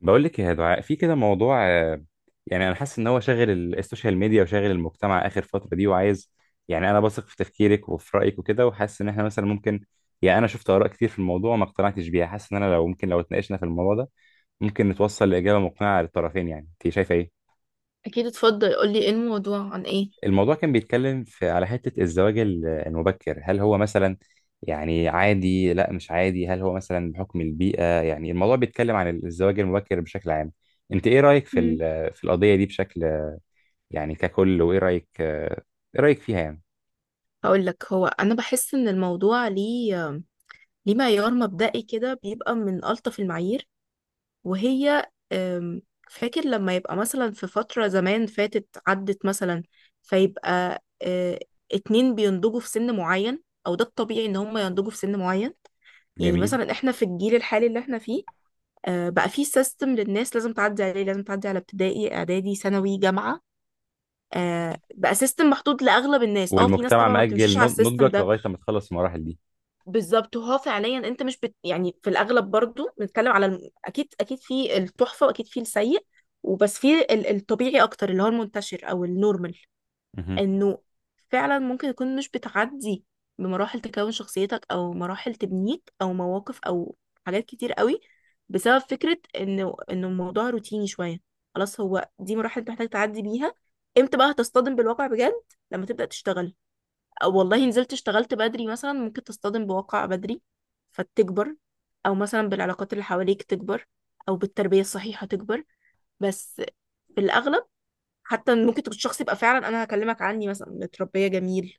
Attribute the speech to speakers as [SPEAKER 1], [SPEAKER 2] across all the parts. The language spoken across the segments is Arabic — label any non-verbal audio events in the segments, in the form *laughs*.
[SPEAKER 1] بقول لك يا دعاء، في كده موضوع، يعني انا حاسس ان هو شاغل السوشيال ميديا وشاغل المجتمع اخر فتره دي وعايز. يعني انا بثق في تفكيرك وفي رايك وكده، وحاسس ان احنا مثلا ممكن. يعني انا شفت اراء كتير في الموضوع ما اقتنعتش بيها، حاسس ان انا لو ممكن لو اتناقشنا في الموضوع ده ممكن نتوصل لاجابه مقنعه للطرفين. يعني انت شايفه ايه؟
[SPEAKER 2] اكيد، اتفضل قولي ايه الموضوع، عن ايه؟
[SPEAKER 1] الموضوع كان بيتكلم في على حتة الزواج المبكر، هل هو مثلا يعني عادي، لا مش عادي؟ هل هو مثلا بحكم البيئة؟ يعني الموضوع بيتكلم عن الزواج المبكر بشكل عام. انت ايه رأيك
[SPEAKER 2] مم.
[SPEAKER 1] في القضية دي بشكل يعني ككل؟ وايه رأيك؟ ايه رأيك فيها يعني؟
[SPEAKER 2] هقول لك، هو انا بحس ان الموضوع ليه معيار مبدئي كده، بيبقى من الطف المعايير. وهي فاكر لما يبقى مثلا في فترة زمان فاتت عدت مثلا، فيبقى اتنين بينضجوا في سن معين، او ده الطبيعي ان هم ينضجوا في سن معين. يعني
[SPEAKER 1] جميل.
[SPEAKER 2] مثلا احنا في الجيل الحالي اللي احنا فيه، بقى في سيستم للناس لازم تعدي عليه، لازم تعدي على ابتدائي اعدادي ثانوي جامعة. بقى سيستم محطوط لاغلب الناس. اه في ناس
[SPEAKER 1] والمجتمع
[SPEAKER 2] طبعا ما بتمشيش
[SPEAKER 1] مأجل
[SPEAKER 2] على السيستم
[SPEAKER 1] نضجك
[SPEAKER 2] ده.
[SPEAKER 1] لغاية ما تخلص المراحل دي.
[SPEAKER 2] بالظبط، وهو فعليا انت مش يعني في الاغلب برضو بنتكلم على اكيد اكيد في التحفه، واكيد في السيء، وبس في الطبيعي اكتر، اللي هو المنتشر او النورمال،
[SPEAKER 1] مهم.
[SPEAKER 2] انه فعلا ممكن يكون مش بتعدي بمراحل تكون شخصيتك، او مراحل تبنيك، او مواقف، او حاجات كتير قوي، بسبب فكرة انه الموضوع روتيني شوية. خلاص، هو دي مراحل انت محتاج تعدي بيها. امتى بقى هتصطدم بالواقع بجد؟ لما تبدأ تشتغل، او والله نزلت اشتغلت بدري مثلا ممكن تصطدم بواقع بدري فتكبر، او مثلا بالعلاقات اللي حواليك تكبر، او بالتربية الصحيحة تكبر. بس في الاغلب، حتى ممكن تكون الشخص يبقى فعلا، انا هكلمك عني مثلا، متربيه جميل،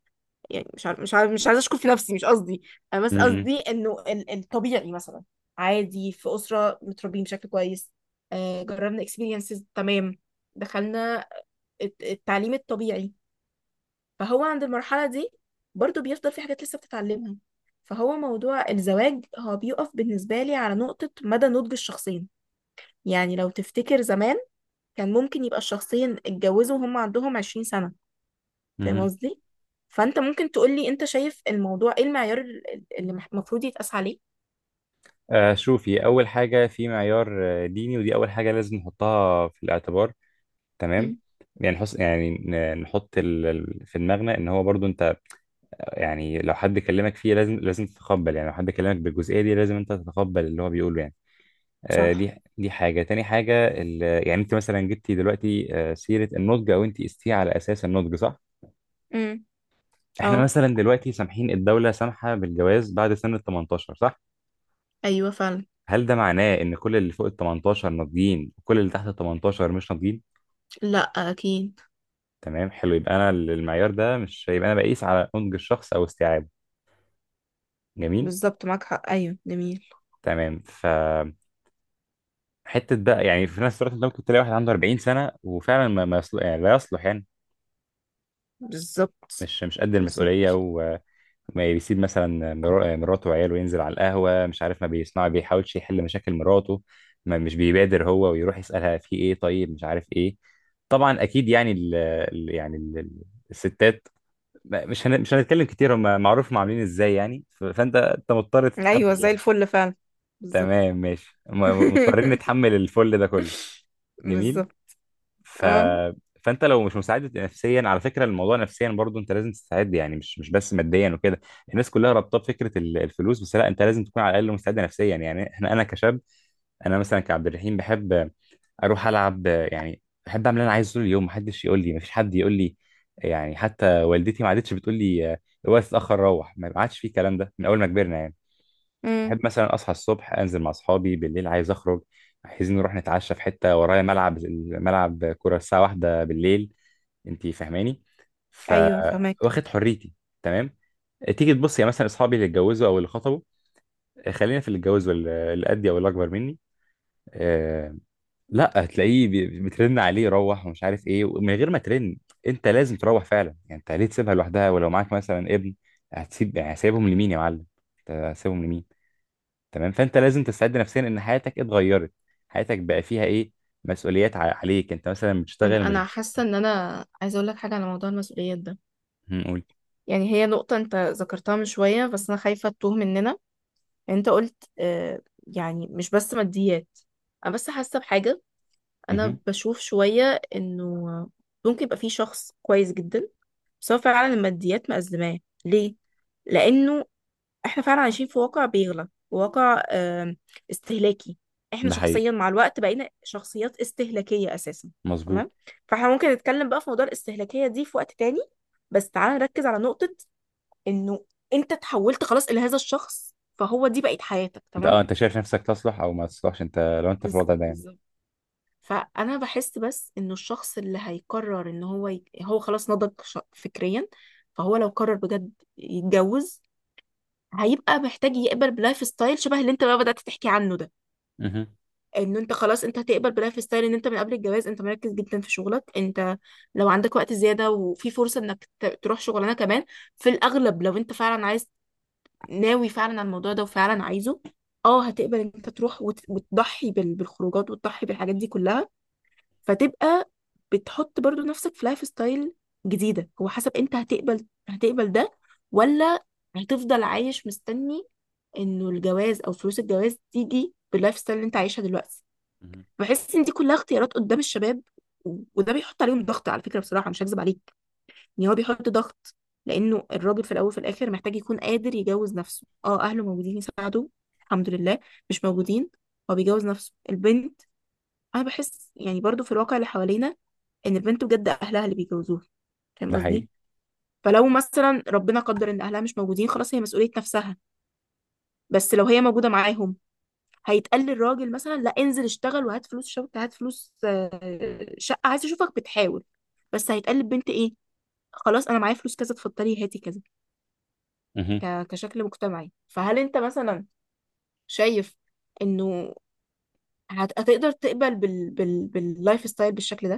[SPEAKER 2] يعني مش عارف مش عايزه اشكر في نفسي، مش قصدي، انا بس
[SPEAKER 1] مهم.
[SPEAKER 2] قصدي انه الطبيعي مثلا عادي في اسره متربيين بشكل كويس، جربنا اكسبيرينسز تمام، دخلنا التعليم الطبيعي، فهو عند المرحله دي برضو بيفضل في حاجات لسه بتتعلمها. فهو موضوع الزواج، هو بيقف بالنسبه لي على نقطه مدى نضج الشخصين. يعني لو تفتكر زمان، كان ممكن يبقى الشخصين اتجوزوا وهم عندهم 20 سنه. فاهم
[SPEAKER 1] مهم.
[SPEAKER 2] قصدي؟ فانت ممكن تقولي انت شايف الموضوع، ايه المعيار اللي المفروض يتقاس عليه؟
[SPEAKER 1] آه، شوفي، أول حاجة في معيار ديني، ودي أول حاجة لازم نحطها في الاعتبار، تمام.
[SPEAKER 2] مم.
[SPEAKER 1] يعني نحس يعني نحط في دماغنا ان هو برضو انت يعني لو حد كلمك فيه لازم تتقبل، يعني لو حد كلمك بالجزئيه دي لازم انت تتقبل اللي هو بيقوله يعني. آه
[SPEAKER 2] صح.
[SPEAKER 1] دي، دي حاجه. تاني حاجه يعني انت مثلا جبتي دلوقتي آه سيره النضج، او انت قستيه على اساس النضج، صح؟
[SPEAKER 2] امم.
[SPEAKER 1] احنا
[SPEAKER 2] اه.
[SPEAKER 1] مثلا دلوقتي سامحين، الدوله سامحه بالجواز بعد سن ال 18، صح؟
[SPEAKER 2] ايوه فعلا.
[SPEAKER 1] هل ده معناه ان كل اللي فوق ال 18 ناضجين وكل اللي تحت ال 18 مش ناضجين؟
[SPEAKER 2] لا. اكيد.
[SPEAKER 1] تمام، حلو. يبقى انا المعيار ده مش، يبقى انا بقيس على نضج الشخص او استيعابه. جميل،
[SPEAKER 2] بالظبط، معاك حق، ايوه جميل.
[SPEAKER 1] تمام. فحته بقى يعني في نفس الوقت انت ممكن تلاقي واحد عنده 40 سنه وفعلا ما يصل... يعني لا يصلح يعني،
[SPEAKER 2] بالظبط.
[SPEAKER 1] مش مش قد المسؤوليه.
[SPEAKER 2] بالظبط.
[SPEAKER 1] وما بيسيب مثلا مراته وعياله وينزل على القهوه، مش عارف، ما بيسمع، ما بيحاولش يحل مشاكل مراته، ما مش بيبادر هو ويروح يسالها في ايه، طيب مش عارف ايه. طبعا اكيد يعني الستات، مش هنتكلم كتير، هم معروف هم عاملين ازاي يعني. فانت مضطر
[SPEAKER 2] ايوه
[SPEAKER 1] تتحمل
[SPEAKER 2] زي
[SPEAKER 1] يعني.
[SPEAKER 2] الفل فعلا. بالظبط.
[SPEAKER 1] تمام ماشي، مضطرين نتحمل
[SPEAKER 2] *laughs*
[SPEAKER 1] الفل ده كله. جميل.
[SPEAKER 2] بالظبط.
[SPEAKER 1] ف...
[SPEAKER 2] اه.
[SPEAKER 1] فانت لو مش مستعد نفسيا، على فكره الموضوع نفسيا برضو انت لازم تستعد يعني، مش مش بس ماديا وكده. الناس كلها رابطه بفكره الفلوس بس، لا انت لازم تكون على الاقل مستعد نفسيا. يعني احنا انا كشاب، انا مثلا كعبد الرحيم بحب اروح العب يعني. بحب اعمل اللي انا عايزه طول اليوم، محدش يقول لي، مفيش حد يقول لي. يعني حتى والدتي ما عادتش بتقول لي الوقت اتاخر روح، ما عادش في الكلام ده من اول ما كبرنا يعني.
[SPEAKER 2] امم.
[SPEAKER 1] بحب مثلا اصحى الصبح، انزل مع اصحابي بالليل، عايز اخرج، عايزين نروح نتعشى في حته، ورايا ملعب، ملعب كوره الساعه واحدة بالليل. انتي فاهماني؟ ف
[SPEAKER 2] ايوه فهمك.
[SPEAKER 1] واخد حريتي، تمام. تيجي تبص يا مثلا اصحابي اللي اتجوزوا او اللي خطبوا، خلينا في اللي اتجوز، واللي قدي او اللي اكبر مني. آه... لا، هتلاقيه بترن عليه روح ومش عارف ايه، ومن غير ما ترن انت لازم تروح فعلا يعني. انت ليه تسيبها لوحدها؟ ولو معاك مثلا ابن، هتسيب يعني، هسيبهم لمين يا معلم؟ هتسيبهم لمين؟ تمام. فانت لازم تستعد نفسيا ان حياتك اتغيرت. حياتك بقى فيها ايه؟ مسؤوليات عليك، انت مثلا بتشتغل
[SPEAKER 2] انا
[SPEAKER 1] مش
[SPEAKER 2] انا
[SPEAKER 1] بتشتغل.
[SPEAKER 2] حاسه ان انا عايزه اقول لك حاجه على موضوع المسؤوليات ده.
[SPEAKER 1] مهم، قول.
[SPEAKER 2] يعني هي نقطه انت ذكرتها من شويه، بس انا خايفه تتوه مننا. انت قلت يعني مش بس ماديات. انا بس حاسه بحاجه، انا
[SPEAKER 1] مهم.
[SPEAKER 2] بشوف شويه انه ممكن يبقى في شخص كويس جدا، بس هو فعلا الماديات مأزماه. ليه؟ لانه احنا فعلا عايشين في واقع بيغلى، واقع استهلاكي. احنا
[SPEAKER 1] ده حقيقي،
[SPEAKER 2] شخصيا مع الوقت بقينا شخصيات استهلاكيه اساسا.
[SPEAKER 1] مظبوط.
[SPEAKER 2] تمام. فاحنا ممكن نتكلم بقى في موضوع الاستهلاكيه دي في وقت تاني، بس تعالى نركز على نقطه، انه انت تحولت خلاص لهذا الشخص، فهو دي بقت حياتك.
[SPEAKER 1] انت اه،
[SPEAKER 2] تمام.
[SPEAKER 1] انت شايف نفسك تصلح او ما تصلحش، انت لو انت في الوضع ده يعني.
[SPEAKER 2] بالظبط. فانا بحس بس انه الشخص اللي هيقرر ان هو هو خلاص نضج فكريا، فهو لو قرر بجد يتجوز، هيبقى محتاج يقبل بلايف ستايل شبه اللي انت بقى بدأت تحكي عنه ده.
[SPEAKER 1] مهم.
[SPEAKER 2] انه انت خلاص انت هتقبل بلايف ستايل، ان انت من قبل الجواز انت مركز جدا في شغلك، انت لو عندك وقت زيادة وفي فرصة انك تروح شغلانة كمان، في الاغلب لو انت فعلا عايز، ناوي فعلا على الموضوع ده وفعلا عايزه، اه هتقبل ان انت تروح وتضحي بالخروجات وتضحي بالحاجات دي كلها، فتبقى بتحط برضو نفسك في لايف ستايل جديدة. هو حسب انت هتقبل ده، ولا هتفضل عايش مستني انه الجواز او فلوس الجواز تيجي باللايف ستايل اللي انت عايشها دلوقتي.
[SPEAKER 1] مهم.
[SPEAKER 2] بحس ان دي كلها اختيارات قدام الشباب، وده بيحط عليهم ضغط على فكرة. بصراحة مش هكذب عليك، ان هو بيحط ضغط. لانه الراجل في الاول وفي الاخر محتاج يكون قادر يجوز نفسه. اه اهله موجودين يساعدوه، الحمد لله. مش موجودين، هو بيجوز نفسه. البنت، انا بحس يعني برضو في الواقع اللي حوالينا، ان البنت بجد اهلها اللي بيجوزوها. فاهم
[SPEAKER 1] ده حقيقي.
[SPEAKER 2] قصدي؟ فلو مثلا ربنا قدر ان اهلها مش موجودين، خلاص هي مسؤولية نفسها. بس لو هي موجودة معاهم، هيتقال للراجل مثلا لا، انزل اشتغل وهات فلوس شبكة، هات فلوس شقة، عايز اشوفك بتحاول. بس هيتقال للبنت ايه؟ خلاص انا معايا فلوس كذا، اتفضلي هاتي كذا.
[SPEAKER 1] مهم.
[SPEAKER 2] كشكل مجتمعي. فهل انت مثلا شايف انه هتقدر تقبل باللايف ستايل بالشكل ده،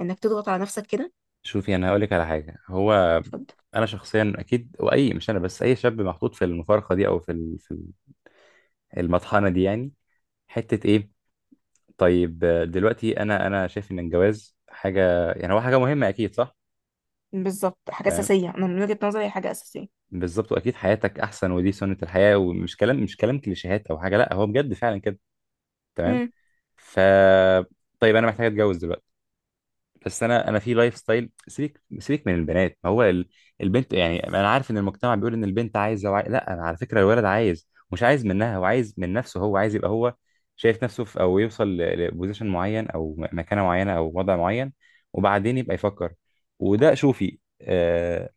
[SPEAKER 2] انك تضغط على نفسك كده؟
[SPEAKER 1] شوفي، انا هقول لك على حاجه. هو
[SPEAKER 2] اتفضل.
[SPEAKER 1] انا شخصيا اكيد، واي مش انا بس، اي شاب محطوط في المفارقه دي، او في المطحنه دي يعني. حته ايه؟ طيب دلوقتي انا شايف ان الجواز حاجه، يعني هو حاجه مهمه، اكيد صح.
[SPEAKER 2] بالظبط، حاجة
[SPEAKER 1] تمام.
[SPEAKER 2] أساسية. أنا من وجهة نظري هي حاجة أساسية.
[SPEAKER 1] بالظبط، واكيد حياتك احسن، ودي سنة الحياة، ومش كلام، مش كلام كليشيهات او حاجة، لا هو بجد فعلا كده. تمام.
[SPEAKER 2] مم.
[SPEAKER 1] ف طيب انا محتاج اتجوز دلوقتي، بس انا في لايف ستايل. سيبك من البنات، ما هو البنت يعني، انا عارف ان المجتمع بيقول ان البنت لا، انا على فكرة الولد عايز مش عايز منها، هو عايز من نفسه، هو عايز يبقى هو شايف نفسه في، او يوصل لبوزيشن معين، او مكانة معينة او وضع معين، وبعدين يبقى يفكر. وده شوفي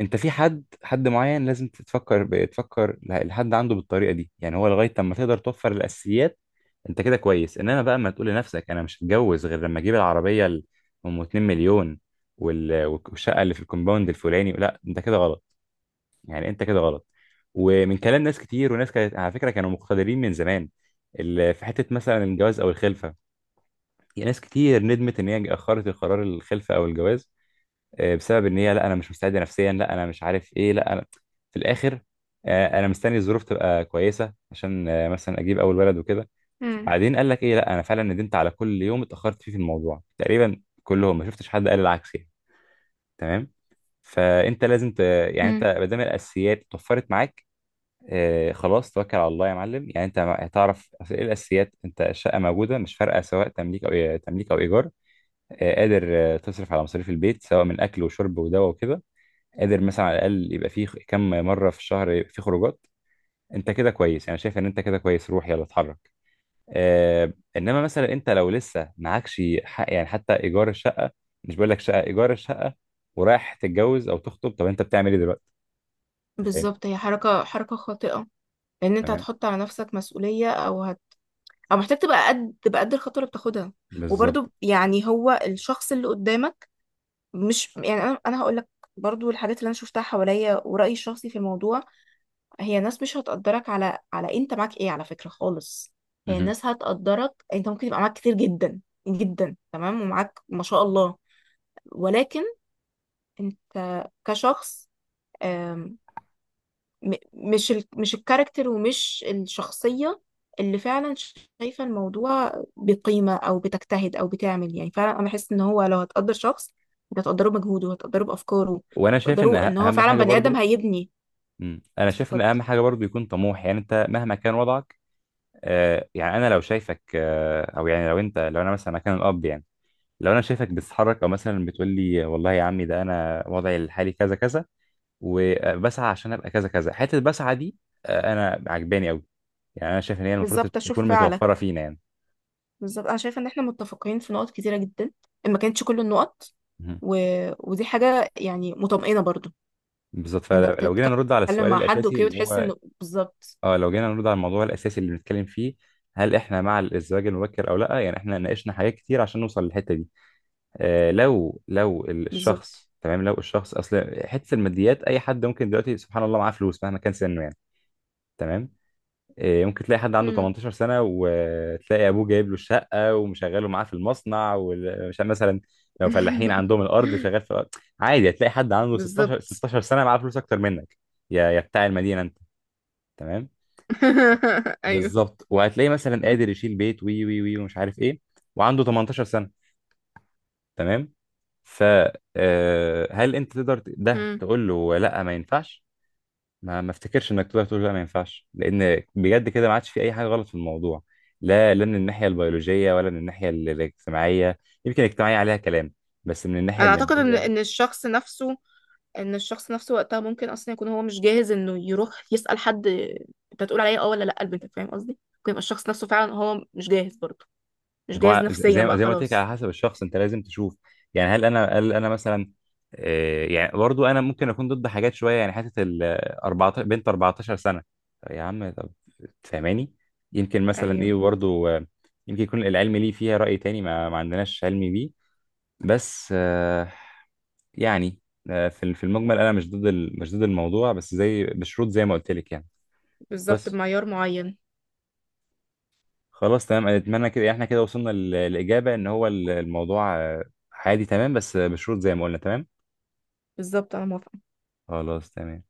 [SPEAKER 1] انت في حد معين لازم تفكر، بتفكر لحد عنده بالطريقه دي يعني. هو لغايه لما تقدر توفر الاساسيات انت كده كويس. انما بقى ما تقول لنفسك انا مش هتجوز غير لما اجيب العربيه ام 2 مليون والشقه اللي في الكومباوند الفلاني، لا انت كده غلط يعني، انت كده غلط. ومن كلام ناس كتير، وناس كانت على فكره كانوا مقتدرين من زمان، في حته مثلا الجواز او الخلفه. يعني ناس كتير ندمت ان هي اخرت القرار الخلفه او الجواز، بسبب ان هي لا انا مش مستعده نفسيا، لا انا مش عارف ايه، لا انا في الاخر انا مستني الظروف تبقى كويسه عشان مثلا اجيب اول ولد وكده.
[SPEAKER 2] مم.
[SPEAKER 1] بعدين قال لك ايه؟ لا انا فعلا ندمت على كل يوم اتاخرت فيه في الموضوع. تقريبا كلهم، ما شفتش حد قال العكس يعني. تمام. فانت لازم ت... يعني انت
[SPEAKER 2] مم.
[SPEAKER 1] ما دام الاساسيات اتوفرت معاك، آه خلاص توكل على الله يا معلم يعني. انت هتعرف أصل ايه الاساسيات. انت الشقه موجوده، مش فارقه سواء تمليك او تمليك او ايجار، آه. قادر آه تصرف على مصاريف البيت سواء من اكل وشرب ودواء وكده. قادر مثلا على الاقل يبقى فيه كم مره في الشهر يبقى فيه خروجات، انت كده كويس. يعني شايف ان انت كده كويس، روح يلا اتحرك. آه انما مثلا انت لو لسه معكش حق يعني حتى ايجار الشقه، مش بقول لك شقه، ايجار الشقه، ورايح تتجوز او تخطب، طب انت بتعمل ايه دلوقتي؟ انت فاهم؟
[SPEAKER 2] بالظبط، هي حركة خاطئة، لأن أنت
[SPEAKER 1] تمام،
[SPEAKER 2] هتحط على نفسك مسؤولية، أو أو محتاج تبقى قد الخطوة اللي بتاخدها.
[SPEAKER 1] بالظبط.
[SPEAKER 2] وبرضو يعني هو الشخص اللي قدامك، مش يعني، أنا هقول لك برضو الحاجات اللي أنا شفتها حواليا ورأيي الشخصي في الموضوع، هي ناس مش هتقدرك على أنت معاك إيه، على فكرة خالص. هي
[SPEAKER 1] مهم.
[SPEAKER 2] الناس هتقدرك أنت، ممكن يبقى معاك كتير جدا جدا، تمام، ومعاك ما شاء الله، ولكن انت كشخص، آم، م- مش مش الكاركتر، ومش الشخصية اللي فعلا شايفة الموضوع بقيمة، أو بتجتهد، أو بتعمل. يعني فعلا أنا بحس إن هو لو هتقدر شخص، أنت هتقدره بمجهوده، هتقدره بأفكاره،
[SPEAKER 1] وانا شايف
[SPEAKER 2] هتقدره
[SPEAKER 1] ان
[SPEAKER 2] إن هو
[SPEAKER 1] اهم
[SPEAKER 2] فعلا
[SPEAKER 1] حاجه
[SPEAKER 2] بني آدم
[SPEAKER 1] برضو.
[SPEAKER 2] هيبني.
[SPEAKER 1] مم. انا شايف ان
[SPEAKER 2] اتفضل.
[SPEAKER 1] اهم حاجه برضو يكون طموح. يعني انت مهما كان وضعك، آه يعني انا لو شايفك آه، او يعني لو انت، لو انا مثلا مكان الاب يعني، لو انا شايفك بتتحرك، او مثلا بتقول لي والله يا عمي ده انا وضعي الحالي كذا كذا، وبسعى عشان ابقى كذا كذا، حته بسعى دي انا عجباني قوي. يعني انا شايف ان هي المفروض
[SPEAKER 2] بالظبط، أشوف
[SPEAKER 1] تكون متوفره
[SPEAKER 2] فعلك.
[SPEAKER 1] فينا يعني.
[SPEAKER 2] بالظبط، أنا شايفة إن إحنا متفقين في نقط كتيرة جدا، ما كانتش كل النقط.
[SPEAKER 1] مهم.
[SPEAKER 2] و... ودي حاجة يعني مطمئنة برضو،
[SPEAKER 1] بالظبط.
[SPEAKER 2] إنك
[SPEAKER 1] فلو جينا نرد على
[SPEAKER 2] تتكلم
[SPEAKER 1] السؤال
[SPEAKER 2] مع حد
[SPEAKER 1] الاساسي
[SPEAKER 2] أوكي
[SPEAKER 1] اللي
[SPEAKER 2] وتحس
[SPEAKER 1] هو،
[SPEAKER 2] إنه بالظبط.
[SPEAKER 1] اه لو جينا نرد على الموضوع الاساسي اللي بنتكلم فيه، هل احنا مع الزواج المبكر او لا؟ يعني احنا ناقشنا حاجات كتير عشان نوصل للحته دي. آه لو
[SPEAKER 2] بالظبط.
[SPEAKER 1] الشخص تمام، لو الشخص اصل حته الماديات، اي حد ممكن دلوقتي سبحان الله معاه فلوس مهما كان سنه يعني. تمام. إيه، ممكن تلاقي حد عنده
[SPEAKER 2] مم.
[SPEAKER 1] 18 سنة وتلاقي أبوه جايب له الشقة ومشغله معاه في المصنع، ومش مثلا لو فلاحين عندهم
[SPEAKER 2] *laughs*
[SPEAKER 1] الأرض شغال في الأرض. عادي، هتلاقي حد عنده 16
[SPEAKER 2] بالظبط.
[SPEAKER 1] 16 سنة معاه فلوس أكتر منك، يا بتاع المدينة أنت. تمام.
[SPEAKER 2] *laughs* ايوه.
[SPEAKER 1] بالظبط. وهتلاقي مثلا قادر يشيل بيت وي وي وي ومش عارف إيه، وعنده 18 سنة، تمام. ف هل أنت تقدر ت- ده
[SPEAKER 2] مم.
[SPEAKER 1] تقول له لأ ما ينفعش؟ ما افتكرش انك تقدر تقول لا ما ينفعش، لان بجد كده ما عادش في اي حاجه غلط في الموضوع، لا من الناحيه البيولوجيه، ولا من الناحيه الاجتماعيه. يمكن الاجتماعيه عليها كلام، بس من الناحيه
[SPEAKER 2] انا اعتقد ان
[SPEAKER 1] الماديه.
[SPEAKER 2] ان الشخص نفسه، ان الشخص نفسه وقتها ممكن اصلا يكون هو مش جاهز انه يروح يسأل حد، انت هتقول عليا اه ولا لا لبنتك. فاهم قصدي؟ ممكن يبقى الشخص نفسه فعلا هو مش جاهز برضه، مش جاهز
[SPEAKER 1] هو ز-
[SPEAKER 2] نفسيا
[SPEAKER 1] زي ما-
[SPEAKER 2] بقى،
[SPEAKER 1] زي ما قلت لك، على
[SPEAKER 2] خلاص.
[SPEAKER 1] حسب الشخص، انت لازم تشوف يعني. هل انا مثلا يعني برضو انا ممكن اكون ضد حاجات شويه يعني. حته ال 14، بنت 14 سنه، طب يا عم طب. فاهماني؟ يمكن مثلا
[SPEAKER 2] ايوه،
[SPEAKER 1] ايه برضو، يمكن يكون العلم ليه فيها راي تاني ما عندناش علم بيه، بس يعني في في المجمل انا مش ضد مش ضد الموضوع، بس زي بشروط زي ما قلت لك يعني.
[SPEAKER 2] بالظبط،
[SPEAKER 1] بس
[SPEAKER 2] بمعيار معين.
[SPEAKER 1] خلاص تمام. اتمنى كده احنا كده وصلنا للاجابه ان هو الموضوع عادي تمام، بس بشروط زي ما قلنا. تمام،
[SPEAKER 2] بالظبط، انا موافقة.
[SPEAKER 1] خلاص تمام.